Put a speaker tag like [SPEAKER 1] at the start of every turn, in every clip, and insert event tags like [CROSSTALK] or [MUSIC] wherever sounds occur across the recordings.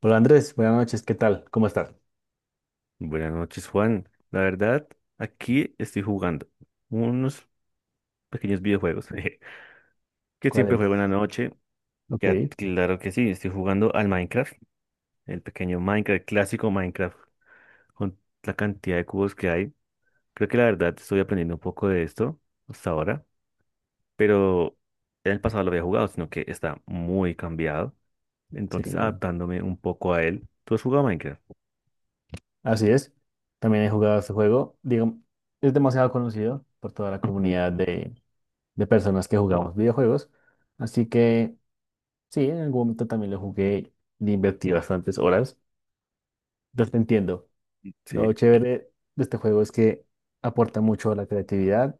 [SPEAKER 1] Hola Andrés, buenas noches, ¿qué tal? ¿Cómo estás?
[SPEAKER 2] Buenas noches, Juan. La verdad, aquí estoy jugando unos pequeños videojuegos [LAUGHS] jeje, que
[SPEAKER 1] ¿Cuál
[SPEAKER 2] siempre
[SPEAKER 1] es?
[SPEAKER 2] juego en la noche.
[SPEAKER 1] Ok,
[SPEAKER 2] Ya, claro que sí, estoy jugando al Minecraft, el pequeño Minecraft, el clásico Minecraft, con la cantidad de cubos que hay. Creo que la verdad estoy aprendiendo un poco de esto hasta ahora, pero en el pasado lo había jugado, sino que está muy cambiado. Entonces,
[SPEAKER 1] sí,
[SPEAKER 2] adaptándome un poco a él. ¿Tú has jugado a Minecraft?
[SPEAKER 1] así es. También he jugado este juego. Digo, es demasiado conocido por toda la comunidad
[SPEAKER 2] Ujú.
[SPEAKER 1] de personas que jugamos videojuegos. Así que sí, en algún momento también lo jugué y invertí bastantes horas. Entonces te entiendo. Lo
[SPEAKER 2] Sí,
[SPEAKER 1] chévere de este juego es que aporta mucho a la creatividad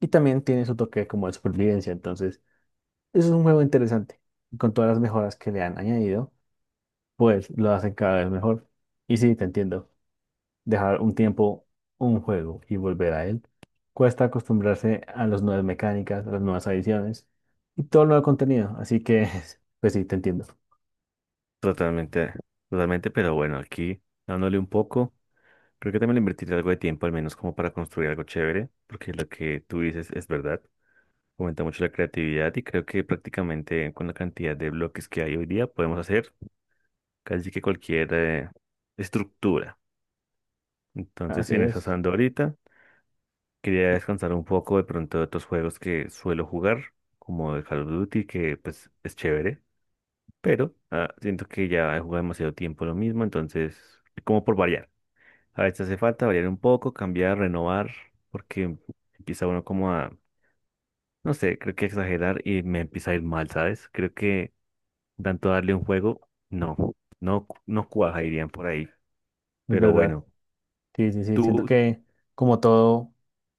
[SPEAKER 1] y también tiene su toque como de supervivencia. Entonces, eso es un juego interesante. Con todas las mejoras que le han añadido pues lo hacen cada vez mejor. Y sí, te entiendo. Dejar un tiempo un juego y volver a él. Cuesta acostumbrarse a las nuevas mecánicas, a las nuevas adiciones y todo el nuevo contenido. Así que, [LAUGHS] pues sí, te entiendo.
[SPEAKER 2] totalmente, totalmente, pero bueno, aquí dándole un poco. Creo que también le invertiré algo de tiempo, al menos como para construir algo chévere, porque lo que tú dices es verdad. Aumenta mucho la creatividad y creo que prácticamente con la cantidad de bloques que hay hoy día podemos hacer casi que cualquier estructura. Entonces,
[SPEAKER 1] Así
[SPEAKER 2] en eso ando ahorita. Quería descansar un poco de pronto de otros juegos que suelo jugar, como el Call of Duty, que pues es chévere, pero siento que ya he jugado demasiado tiempo lo mismo, entonces, como por variar. A veces hace falta variar un poco, cambiar, renovar, porque empieza uno como a, no sé, creo que exagerar y me empieza a ir mal, ¿sabes? Creo que tanto darle un juego, no, no, no cuaja, irían por ahí.
[SPEAKER 1] es
[SPEAKER 2] Pero
[SPEAKER 1] verdad.
[SPEAKER 2] bueno,
[SPEAKER 1] Sí, sí, sí. Siento
[SPEAKER 2] tú,
[SPEAKER 1] que como todo,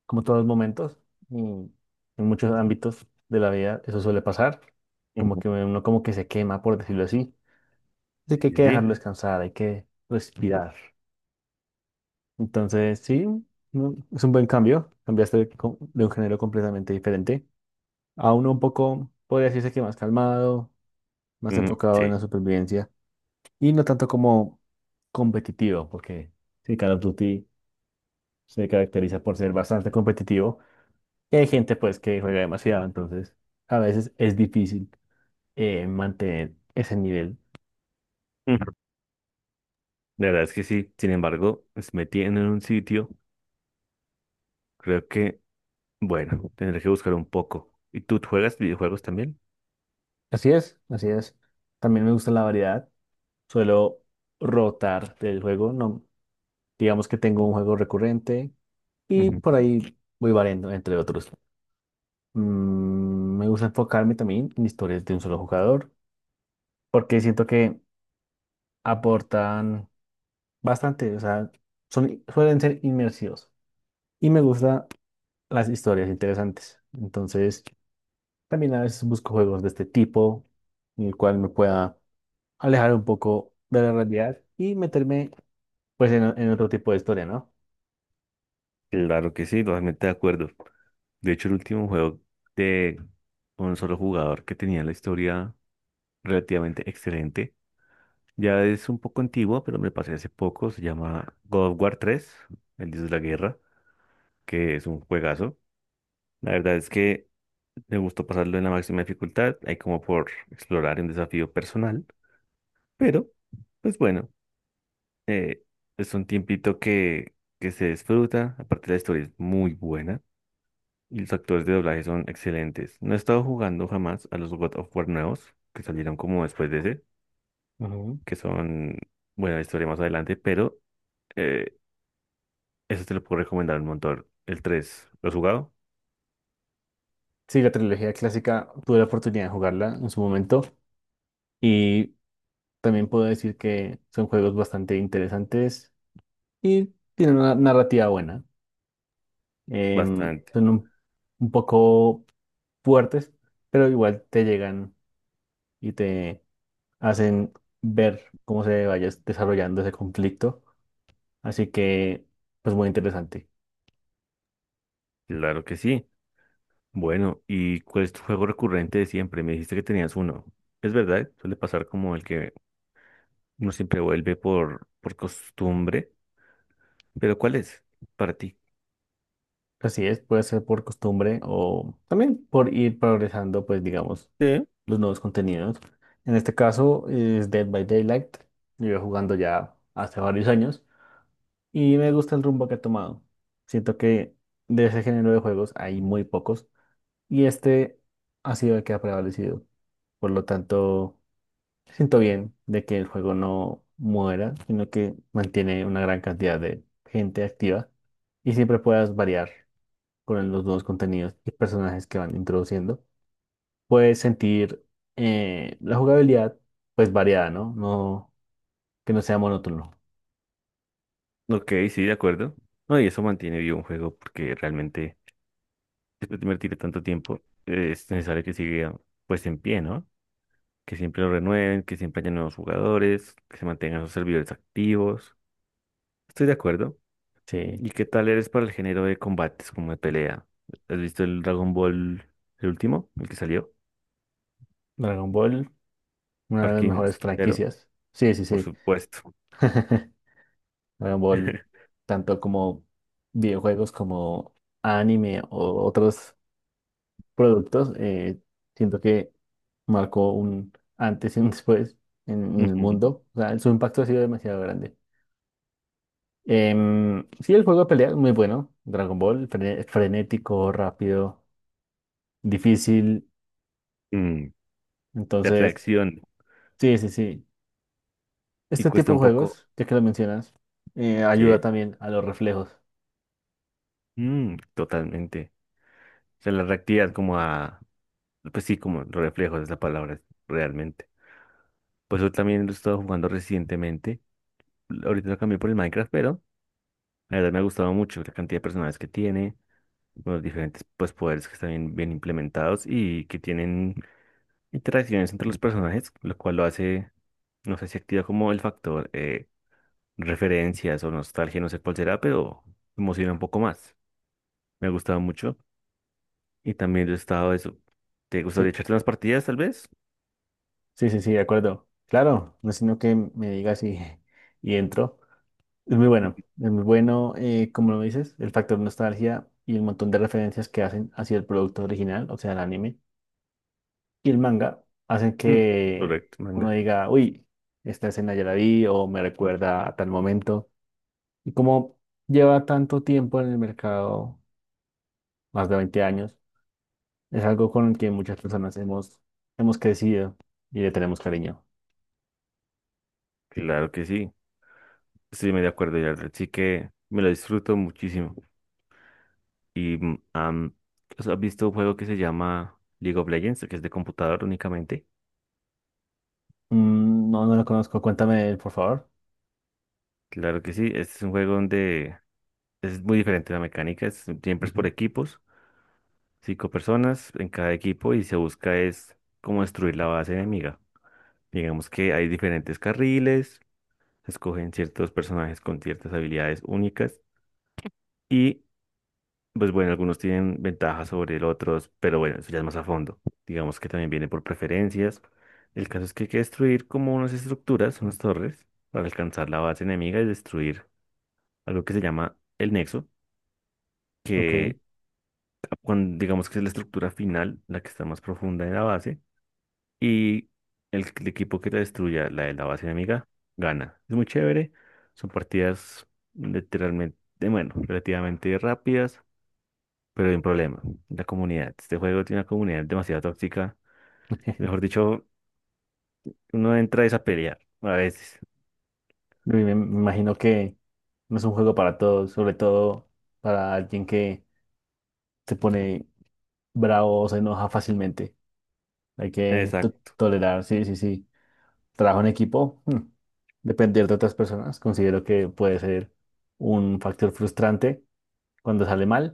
[SPEAKER 1] como todos los momentos, mm, en muchos ámbitos de la vida, eso suele pasar. Como
[SPEAKER 2] Ujú.
[SPEAKER 1] que uno como que se quema, por decirlo así. Así que hay que
[SPEAKER 2] Sí,
[SPEAKER 1] dejarlo descansar, hay que respirar. Entonces, sí, no, es un buen cambio. Cambiaste de, de un género completamente diferente a uno un poco, podría decirse que más calmado, más
[SPEAKER 2] ujú,
[SPEAKER 1] enfocado en
[SPEAKER 2] sí,
[SPEAKER 1] la supervivencia y no tanto como competitivo, porque sí, Call of Duty se caracteriza por ser bastante competitivo y hay gente pues que juega demasiado, entonces a veces es difícil mantener ese nivel.
[SPEAKER 2] ujú. La verdad es que sí, sin embargo, pues, me tienen en un sitio, creo que, bueno, tendré que buscar un poco. ¿Y tú juegas videojuegos también?
[SPEAKER 1] Así es, así es. También me gusta la variedad. Suelo rotar del juego. No, digamos que tengo un juego recurrente y por
[SPEAKER 2] Ujú.
[SPEAKER 1] ahí voy variando, entre otros. Me gusta enfocarme también en historias de un solo jugador porque siento que aportan bastante, o sea, son, suelen ser inmersivos y me gustan las historias interesantes. Entonces, también a veces busco juegos de este tipo en el cual me pueda alejar un poco de la realidad y meterme pues en otro tipo de historia,
[SPEAKER 2] Claro que sí, totalmente de acuerdo. De hecho, el último juego de un solo jugador que tenía la historia relativamente excelente. Ya es un poco antiguo, pero me lo pasé hace poco. Se llama God of War 3, el Dios de la Guerra, que es un juegazo. La verdad es que me gustó pasarlo en la máxima dificultad. Hay como por explorar un desafío personal, pero pues bueno, eh, es un tiempito que se disfruta. Aparte, la historia es muy buena. Y los actores de doblaje son excelentes. No he estado jugando jamás a los God of War nuevos, que salieron como después de ese,
[SPEAKER 1] ¿no?
[SPEAKER 2] que son, bueno, la historia más adelante, pero eh, eso te lo puedo recomendar un montón. El 3, ¿lo has jugado?
[SPEAKER 1] Sí, la trilogía clásica tuve la oportunidad de jugarla en su momento y también puedo decir que son juegos bastante interesantes y tienen una narrativa buena.
[SPEAKER 2] Bastante.
[SPEAKER 1] Son un poco fuertes, pero igual te llegan y te hacen ver cómo se vaya desarrollando ese conflicto. Así que, pues muy interesante.
[SPEAKER 2] Claro que sí. Bueno, ¿y cuál es tu juego recurrente de siempre? Me dijiste que tenías uno. Es verdad, suele pasar como el que uno siempre vuelve por costumbre, pero ¿cuál es para ti?
[SPEAKER 1] Así es, puede ser por costumbre o también por ir progresando, pues digamos,
[SPEAKER 2] Sí.
[SPEAKER 1] los nuevos contenidos. En este caso es Dead by Daylight. Llevo jugando ya hace varios años y me gusta el rumbo que ha tomado. Siento que de ese género de juegos hay muy pocos y este ha sido el que ha prevalecido. Por lo tanto, siento bien de que el juego no muera, sino que mantiene una gran cantidad de gente activa y siempre puedas variar con los nuevos contenidos y personajes que van introduciendo, puedes sentir la jugabilidad pues variada, ¿no? No, que no sea monótono.
[SPEAKER 2] Ok, sí, de acuerdo. No, y eso mantiene vivo un juego porque realmente después de invertir tanto tiempo, es necesario que siga pues en pie, ¿no? Que siempre lo renueven, que siempre haya nuevos jugadores, que se mantengan sus servidores activos. Estoy de acuerdo.
[SPEAKER 1] Sí,
[SPEAKER 2] ¿Y qué tal eres para el género de combates como de pelea? ¿Has visto el Dragon Ball, el último, el que salió?
[SPEAKER 1] Dragon Ball, una de las
[SPEAKER 2] Parking,
[SPEAKER 1] mejores
[SPEAKER 2] pero
[SPEAKER 1] franquicias. Sí, sí,
[SPEAKER 2] por
[SPEAKER 1] sí.
[SPEAKER 2] supuesto.
[SPEAKER 1] [LAUGHS] Dragon Ball,
[SPEAKER 2] [LAUGHS]
[SPEAKER 1] tanto como videojuegos como anime o otros productos, siento que marcó un antes y un después en el
[SPEAKER 2] Ujú.
[SPEAKER 1] mundo. O sea, su impacto ha sido demasiado grande. Sí, el juego de pelea es muy bueno. Dragon Ball, frenético, rápido, difícil.
[SPEAKER 2] Mm, de
[SPEAKER 1] Entonces,
[SPEAKER 2] reacción
[SPEAKER 1] sí, sí, sí.
[SPEAKER 2] y
[SPEAKER 1] Este
[SPEAKER 2] cuesta
[SPEAKER 1] tipo de
[SPEAKER 2] un poco,
[SPEAKER 1] juegos, ya que lo mencionas, ayuda
[SPEAKER 2] ¿sí?
[SPEAKER 1] también a los reflejos.
[SPEAKER 2] Mm, totalmente. O sea, la reactividad como a, pues sí, como los reflejos es la palabra realmente. Pues eso también lo he estado jugando recientemente. Ahorita lo cambié por el Minecraft, pero la verdad me ha gustado mucho la cantidad de personajes que tiene, los diferentes pues, poderes que están bien, bien implementados y que tienen interacciones entre los personajes, lo cual lo hace, no sé si activa como el factor referencias o nostalgia, no sé cuál será, pero emociona un poco más. Me ha gustado mucho y también lo he estado eso. ¿Te gustaría
[SPEAKER 1] Sí,
[SPEAKER 2] echarte unas partidas tal vez?
[SPEAKER 1] sí, sí, sí, de acuerdo. Claro, no sino que me digas y, [LAUGHS] y entro. Es muy bueno, como lo dices, el factor nostalgia y el montón de referencias que hacen hacia el producto original, o sea, el anime y el manga hacen
[SPEAKER 2] Mm,
[SPEAKER 1] que
[SPEAKER 2] correcto,
[SPEAKER 1] uno
[SPEAKER 2] manga.
[SPEAKER 1] diga, uy, esta escena ya la vi o me recuerda a tal momento. Y como lleva tanto tiempo en el mercado, más de 20 años, es algo con el que muchas personas hemos crecido y le tenemos cariño.
[SPEAKER 2] Claro que sí, estoy muy de acuerdo, ya sí que me lo disfruto muchísimo. Y ¿has visto un juego que se llama League of Legends, que es de computador únicamente?
[SPEAKER 1] No, no lo conozco, cuéntame, de él, por favor.
[SPEAKER 2] Claro que sí, este es un juego donde es muy diferente la mecánica, siempre es por
[SPEAKER 1] Ujú,
[SPEAKER 2] equipos, cinco personas en cada equipo y se busca es cómo destruir la base enemiga. Digamos que hay diferentes carriles, se escogen ciertos personajes con ciertas habilidades únicas y pues bueno, algunos tienen ventajas sobre el otros, pero bueno, eso ya es más a fondo. Digamos que también viene por preferencias. El caso es que hay que destruir como unas estructuras, unas torres, para alcanzar la base enemiga y destruir algo que se llama el nexo,
[SPEAKER 1] ok.
[SPEAKER 2] que cuando, digamos que es la estructura final, la que está más profunda en la base, y el equipo que la destruya, la de la base enemiga, gana. Es muy chévere, son partidas literalmente, bueno, relativamente rápidas. Pero hay un problema, la comunidad. Este juego tiene una comunidad demasiado tóxica. Mejor
[SPEAKER 1] [LAUGHS]
[SPEAKER 2] dicho, uno entra es a pelear a veces.
[SPEAKER 1] Y me imagino que no es un juego para todos, sobre todo para alguien que se pone bravo o se enoja fácilmente. Hay que
[SPEAKER 2] Exacto.
[SPEAKER 1] tolerar, sí, sí, sí. Trabajo en equipo, depender de otras personas, considero que puede ser un factor frustrante cuando sale mal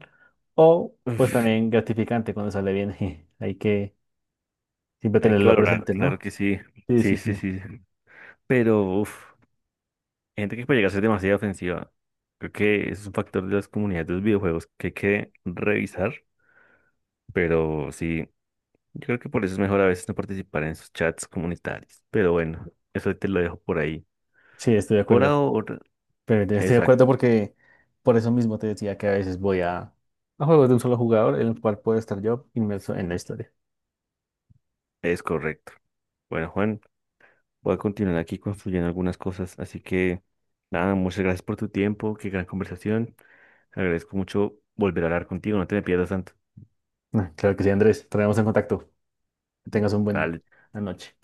[SPEAKER 1] o pues
[SPEAKER 2] Uf,
[SPEAKER 1] también gratificante cuando sale bien. [LAUGHS] Hay que siempre
[SPEAKER 2] hay que
[SPEAKER 1] tenerlo
[SPEAKER 2] valorar,
[SPEAKER 1] presente,
[SPEAKER 2] claro
[SPEAKER 1] ¿no?
[SPEAKER 2] que sí.
[SPEAKER 1] Sí,
[SPEAKER 2] Sí,
[SPEAKER 1] sí,
[SPEAKER 2] sí,
[SPEAKER 1] sí.
[SPEAKER 2] sí. Pero, uf, hay gente que puede llegar a ser demasiado ofensiva. Creo que ese es un factor de las comunidades de los videojuegos que hay que revisar. Pero sí, yo creo que por eso es mejor a veces no participar en esos chats comunitarios. Pero bueno, eso te lo dejo por ahí.
[SPEAKER 1] Sí, estoy de
[SPEAKER 2] Por
[SPEAKER 1] acuerdo.
[SPEAKER 2] ahora,
[SPEAKER 1] Pero estoy de acuerdo
[SPEAKER 2] exacto,
[SPEAKER 1] porque por eso mismo te decía que a veces voy a juegos de un solo jugador en el cual puedo estar yo inmerso en la historia.
[SPEAKER 2] es correcto. Bueno, Juan. Voy a continuar aquí construyendo algunas cosas. Así que, nada, muchas gracias por tu tiempo. Qué gran conversación. Agradezco mucho volver a hablar contigo. No te me pierdas tanto.
[SPEAKER 1] Ah, claro que sí, Andrés. Traemos en contacto. Que tengas un buen
[SPEAKER 2] Dale.
[SPEAKER 1] una noche.